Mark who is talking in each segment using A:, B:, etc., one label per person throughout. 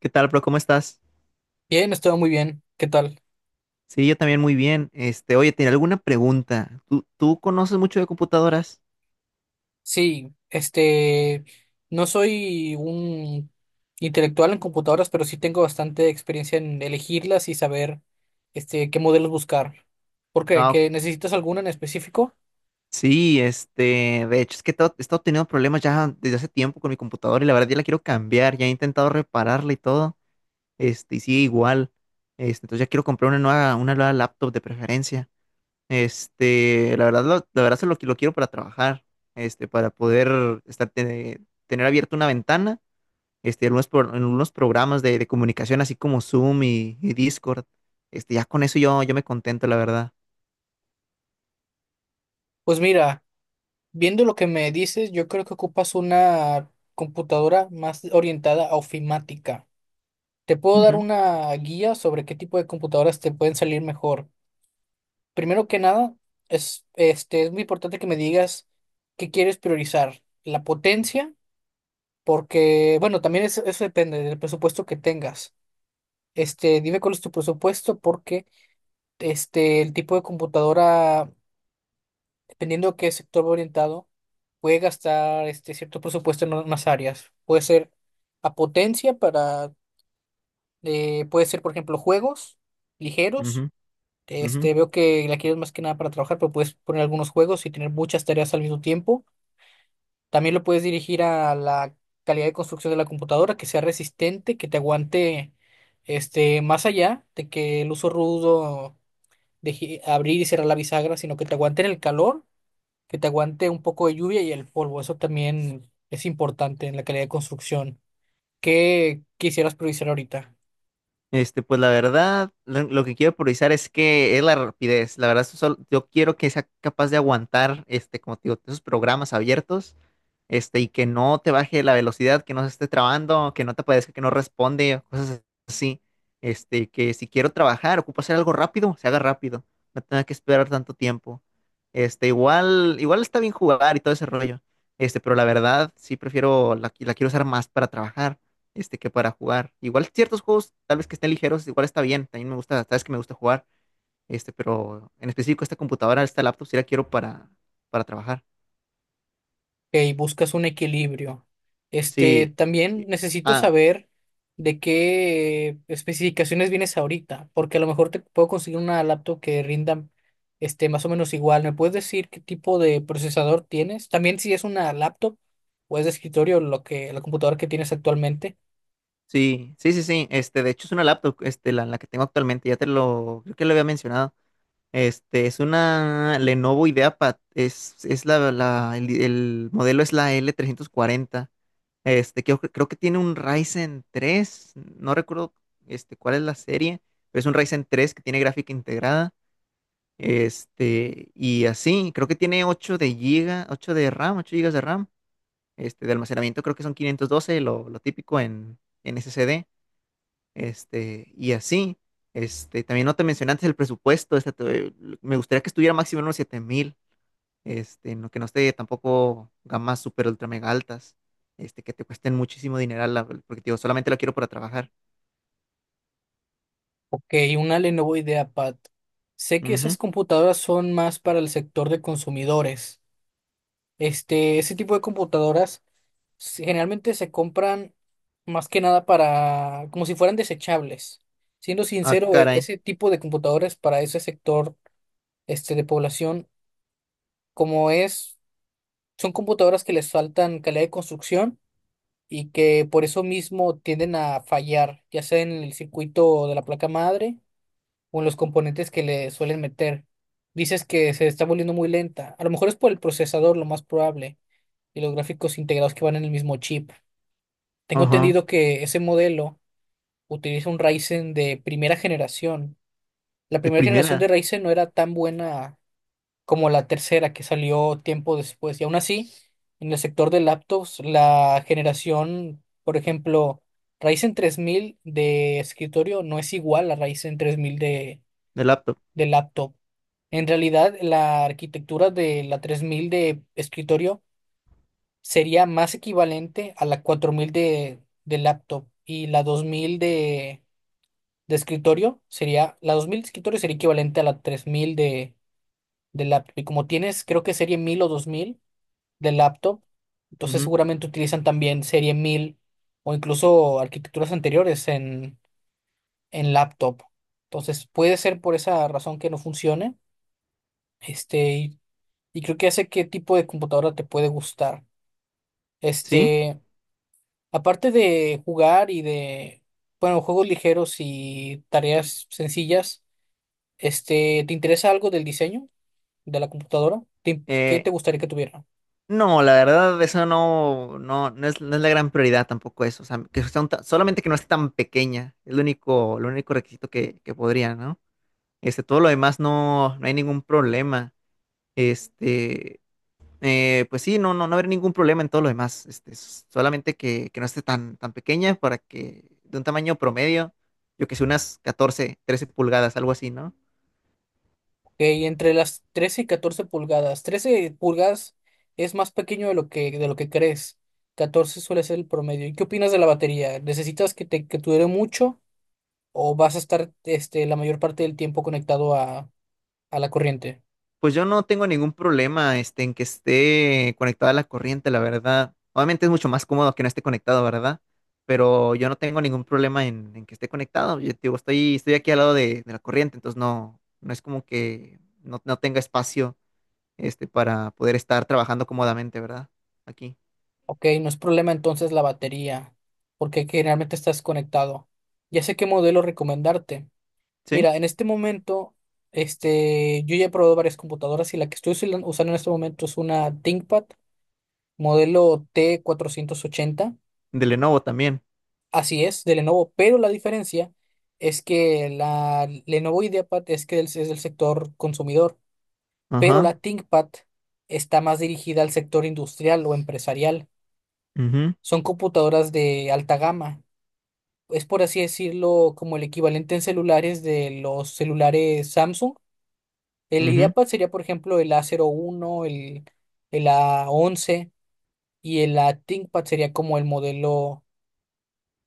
A: ¿Qué tal, bro? ¿Cómo estás?
B: Bien, estuvo muy bien. ¿Qué tal?
A: Sí, yo también muy bien. Oye, tenía alguna pregunta. ¿Tú conoces mucho de computadoras?
B: Sí, no soy un intelectual en computadoras, pero sí tengo bastante experiencia en elegirlas y saber, qué modelos buscar. ¿Por qué?
A: No,
B: ¿Que necesitas alguna en específico?
A: sí, de hecho, es que he estado teniendo problemas ya desde hace tiempo con mi computadora y la verdad ya la quiero cambiar. Ya he intentado repararla y todo. Y sigue igual. Entonces ya quiero comprar una nueva laptop de preferencia. La verdad, la verdad es lo que lo quiero para trabajar. Para poder estar, tener abierta una ventana en unos programas de comunicación, así como Zoom y Discord. Ya con eso yo me contento, la verdad.
B: Pues mira, viendo lo que me dices, yo creo que ocupas una computadora más orientada a ofimática. Te puedo dar
A: Ujú,
B: una guía sobre qué tipo de computadoras te pueden salir mejor. Primero que nada, es, es muy importante que me digas qué quieres priorizar, la potencia, porque, bueno, también eso depende del presupuesto que tengas. Dime cuál es tu presupuesto, porque el tipo de computadora, dependiendo de qué sector va orientado, puede gastar cierto presupuesto en unas áreas. Puede ser a potencia para, puede ser, por ejemplo, juegos ligeros.
A: ujú, ujú.
B: Veo que la quieres más que nada para trabajar, pero puedes poner algunos juegos y tener muchas tareas al mismo tiempo. También lo puedes dirigir a la calidad de construcción de la computadora, que sea resistente, que te aguante más allá de que el uso rudo abrir y cerrar la bisagra, sino que te aguante en el calor, que te aguante un poco de lluvia y el polvo. Eso también es importante en la calidad de construcción. ¿Qué quisieras priorizar ahorita?
A: Pues la verdad, lo que quiero priorizar es que es la rapidez. La verdad, eso yo quiero que sea capaz de aguantar, como te digo, esos programas abiertos y que no te baje la velocidad, que no se esté trabando, que no te aparezca, que no responde, cosas así. Que si quiero trabajar, ocupo hacer algo rápido, se haga rápido, no tenga que esperar tanto tiempo. Igual está bien jugar y todo ese rollo. Pero la verdad, sí prefiero, la quiero usar más para trabajar, que para jugar. Igual ciertos juegos, tal vez que estén ligeros, igual está bien, también me gusta, sabes que me gusta jugar, pero en específico esta computadora, esta laptop, sí la quiero para, trabajar.
B: Ok, buscas un equilibrio.
A: Sí.
B: También necesito
A: Ah,
B: saber de qué especificaciones vienes ahorita, porque a lo mejor te puedo conseguir una laptop que rinda más o menos igual. ¿Me puedes decir qué tipo de procesador tienes? También si es una laptop o es de escritorio, la computadora que tienes actualmente.
A: sí, sí, sí, sí. De hecho es una laptop, la que tengo actualmente, ya te lo, creo que lo había mencionado. Es una Lenovo IdeaPad, es la, el modelo es la L340. Creo que tiene un Ryzen 3. No recuerdo, cuál es la serie, pero es un Ryzen 3 que tiene gráfica integrada. Y así, creo que tiene 8 de giga, 8 de RAM, 8 gigas de RAM. De almacenamiento creo que son 512, lo típico en SSD y así. También no te mencioné antes el presupuesto, me gustaría que estuviera máximo en unos 7000, no, que no esté tampoco gamas super ultra mega altas, que te cuesten muchísimo dineral, porque te digo, solamente lo quiero para trabajar.
B: Ok, una Lenovo IdeaPad. Sé que esas
A: Ujú.
B: computadoras son más para el sector de consumidores. Ese tipo de computadoras generalmente se compran más que nada para, como si fueran desechables. Siendo
A: Ah,
B: sincero,
A: caray.
B: ese tipo de computadoras para ese sector de población, como es, son computadoras que les faltan calidad de construcción y que por eso mismo tienden a fallar, ya sea en el circuito de la placa madre o en los componentes que le suelen meter. Dices que se está volviendo muy lenta. A lo mejor es por el procesador, lo más probable, y los gráficos integrados que van en el mismo chip. Tengo
A: Ajá.
B: entendido que ese modelo utiliza un Ryzen de primera generación. La
A: De
B: primera generación de
A: primera,
B: Ryzen no era tan buena como la tercera que salió tiempo después. Y aún así, en el sector de laptops, la generación, por ejemplo, Ryzen 3000 de escritorio no es igual a Ryzen 3000 de,
A: de laptop.
B: de laptop. En realidad, la arquitectura de la 3000 de escritorio sería más equivalente a la 4000 de laptop y la 2000 de escritorio sería, la 2000 de escritorio sería equivalente a la 3000 de laptop. Y como tienes, creo que serie 1000 o 2000 de laptop, entonces
A: Ujú.
B: seguramente utilizan también serie 1000 o incluso arquitecturas anteriores en laptop. Entonces puede ser por esa razón que no funcione. Este, y, y creo que hace qué tipo de computadora te puede gustar.
A: ¿Sí?
B: Este, aparte de jugar y de, bueno, juegos ligeros y tareas sencillas. ¿Te interesa algo del diseño de la computadora? ¿Qué
A: Eh,
B: te gustaría que tuviera?
A: no, la verdad, eso no, no, no es la gran prioridad tampoco eso. O sea, que sea solamente que no esté tan pequeña. Es lo único requisito que podría, ¿no? Todo lo demás no hay ningún problema. Este, pues sí, no habrá ningún problema en todo lo demás. Solamente que no esté tan, tan pequeña para que de un tamaño promedio, yo que sé, unas 14 13 pulgadas, algo así, ¿no?
B: Ok, entre las 13 y 14 pulgadas. 13 pulgadas es más pequeño de lo que crees. 14 suele ser el promedio. ¿Y qué opinas de la batería? ¿Necesitas que dure mucho o vas a estar la mayor parte del tiempo conectado a la corriente?
A: Pues yo no tengo ningún problema, en que esté conectada a la corriente, la verdad. Obviamente es mucho más cómodo que no esté conectado, ¿verdad? Pero yo no tengo ningún problema en que esté conectado. Yo te digo, estoy aquí al lado de la corriente, entonces no es como que no tenga espacio para poder estar trabajando cómodamente, ¿verdad? Aquí.
B: Ok, no es problema entonces la batería, porque generalmente estás conectado. Ya sé qué modelo recomendarte.
A: ¿Sí?
B: Mira, en este momento, yo ya he probado varias computadoras y la que estoy usando en este momento es una ThinkPad modelo t 480.
A: De Lenovo también.
B: Así es, de Lenovo, pero la diferencia es que la Lenovo IdeaPad es que es del sector consumidor, pero
A: Ajá.
B: la ThinkPad está más dirigida al sector industrial o empresarial.
A: Ujú,
B: Son computadoras de alta gama. Es por así decirlo como el equivalente en celulares de los celulares Samsung. El
A: ujú.
B: IdeaPad sería, por ejemplo, el a cero uno el a once, y el A ThinkPad sería como el modelo,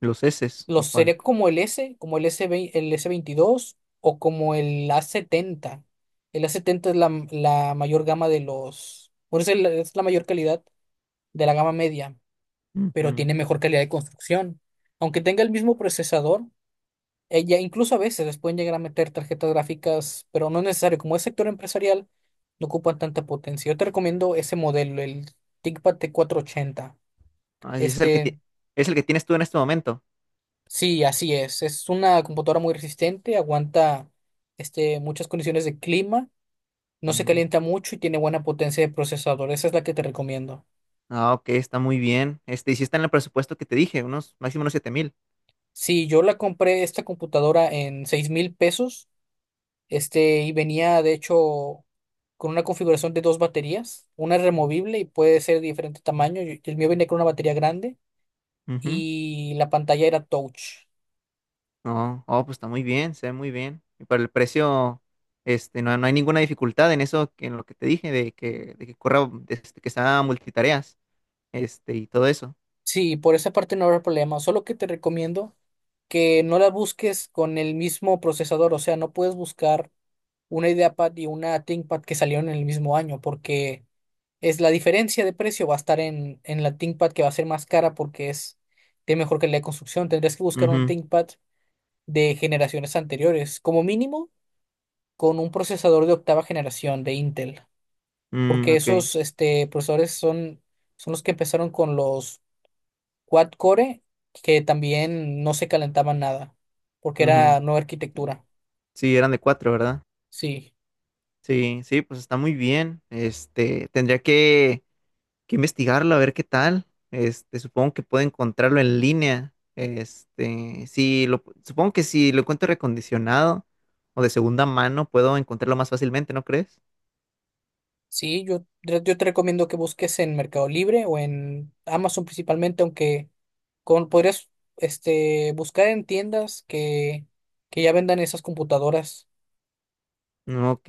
A: Los S, lo
B: los
A: cual.
B: sería como el S, como el S20, el s 22 o como el a 70. El a setenta es la mayor gama de los, por eso es la mayor calidad de la gama media, pero
A: Ujú.
B: tiene mejor calidad de construcción. Aunque tenga el mismo procesador, ella, incluso a veces les pueden llegar a meter tarjetas gráficas, pero no es necesario. Como es sector empresarial, no ocupan tanta potencia. Yo te recomiendo ese modelo, el ThinkPad t 480.
A: Ah, y
B: Este,
A: es el que tienes tú en este momento.
B: sí, así es. Es una computadora muy resistente, aguanta muchas condiciones de clima, no se
A: Mm.
B: calienta mucho y tiene buena potencia de procesador. Esa es la que te recomiendo.
A: Ah, ok, está muy bien. Y si está en el presupuesto que te dije, máximo unos 7000.
B: Sí, yo la compré esta computadora en 6000 pesos. Y venía de hecho con una configuración de dos baterías, una es removible y puede ser de diferente tamaño. Y el mío venía con una batería grande
A: Ujú.
B: y la pantalla era touch.
A: No, oh, pues está muy bien, se ve muy bien. Y para el precio, no hay ninguna dificultad en eso, que en lo que te dije, de que corra, que sea multitareas, y todo eso.
B: Sí, por esa parte no habrá problema, solo que te recomiendo que no la busques con el mismo procesador, o sea, no puedes buscar una IdeaPad y una ThinkPad que salieron en el mismo año, porque es la diferencia de precio va a estar en la ThinkPad que va a ser más cara porque es de mejor calidad de construcción. Tendrías que buscar una
A: Ujú.
B: ThinkPad de generaciones anteriores, como mínimo con un procesador de octava generación de Intel,
A: Mm,
B: porque
A: ok.
B: esos son los que empezaron con los quad core, que también no se calentaban nada, porque
A: Ujú.
B: era nueva arquitectura.
A: Sí, eran de cuatro, ¿verdad?
B: Sí,
A: Sí, sí, pues está muy bien. Tendría que, investigarlo a ver qué tal. Supongo que puedo encontrarlo en línea. Sí, supongo que si lo encuentro recondicionado o de segunda mano, puedo encontrarlo más fácilmente, ¿no crees?
B: yo te recomiendo que busques en Mercado Libre o en Amazon principalmente, aunque con, podrías buscar en tiendas que ya vendan esas computadoras.
A: Mm, ok.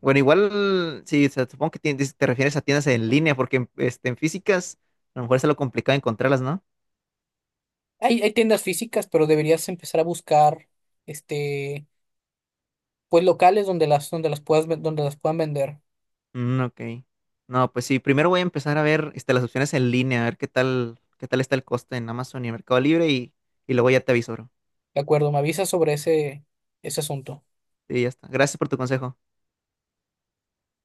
A: Bueno, igual, sí, o sea, supongo que te refieres a tiendas en línea, porque en físicas a lo mejor es lo complicado encontrarlas, ¿no?
B: Hay tiendas físicas, pero deberías empezar a buscar este, pues locales donde las, donde las puedan vender.
A: Mm, ok. No, pues sí, primero voy a empezar a ver las opciones en línea, a ver qué tal está el coste en Amazon y en Mercado Libre y luego ya te aviso, bro.
B: De acuerdo, me avisas sobre ese asunto.
A: Sí, ya está. Gracias por tu consejo.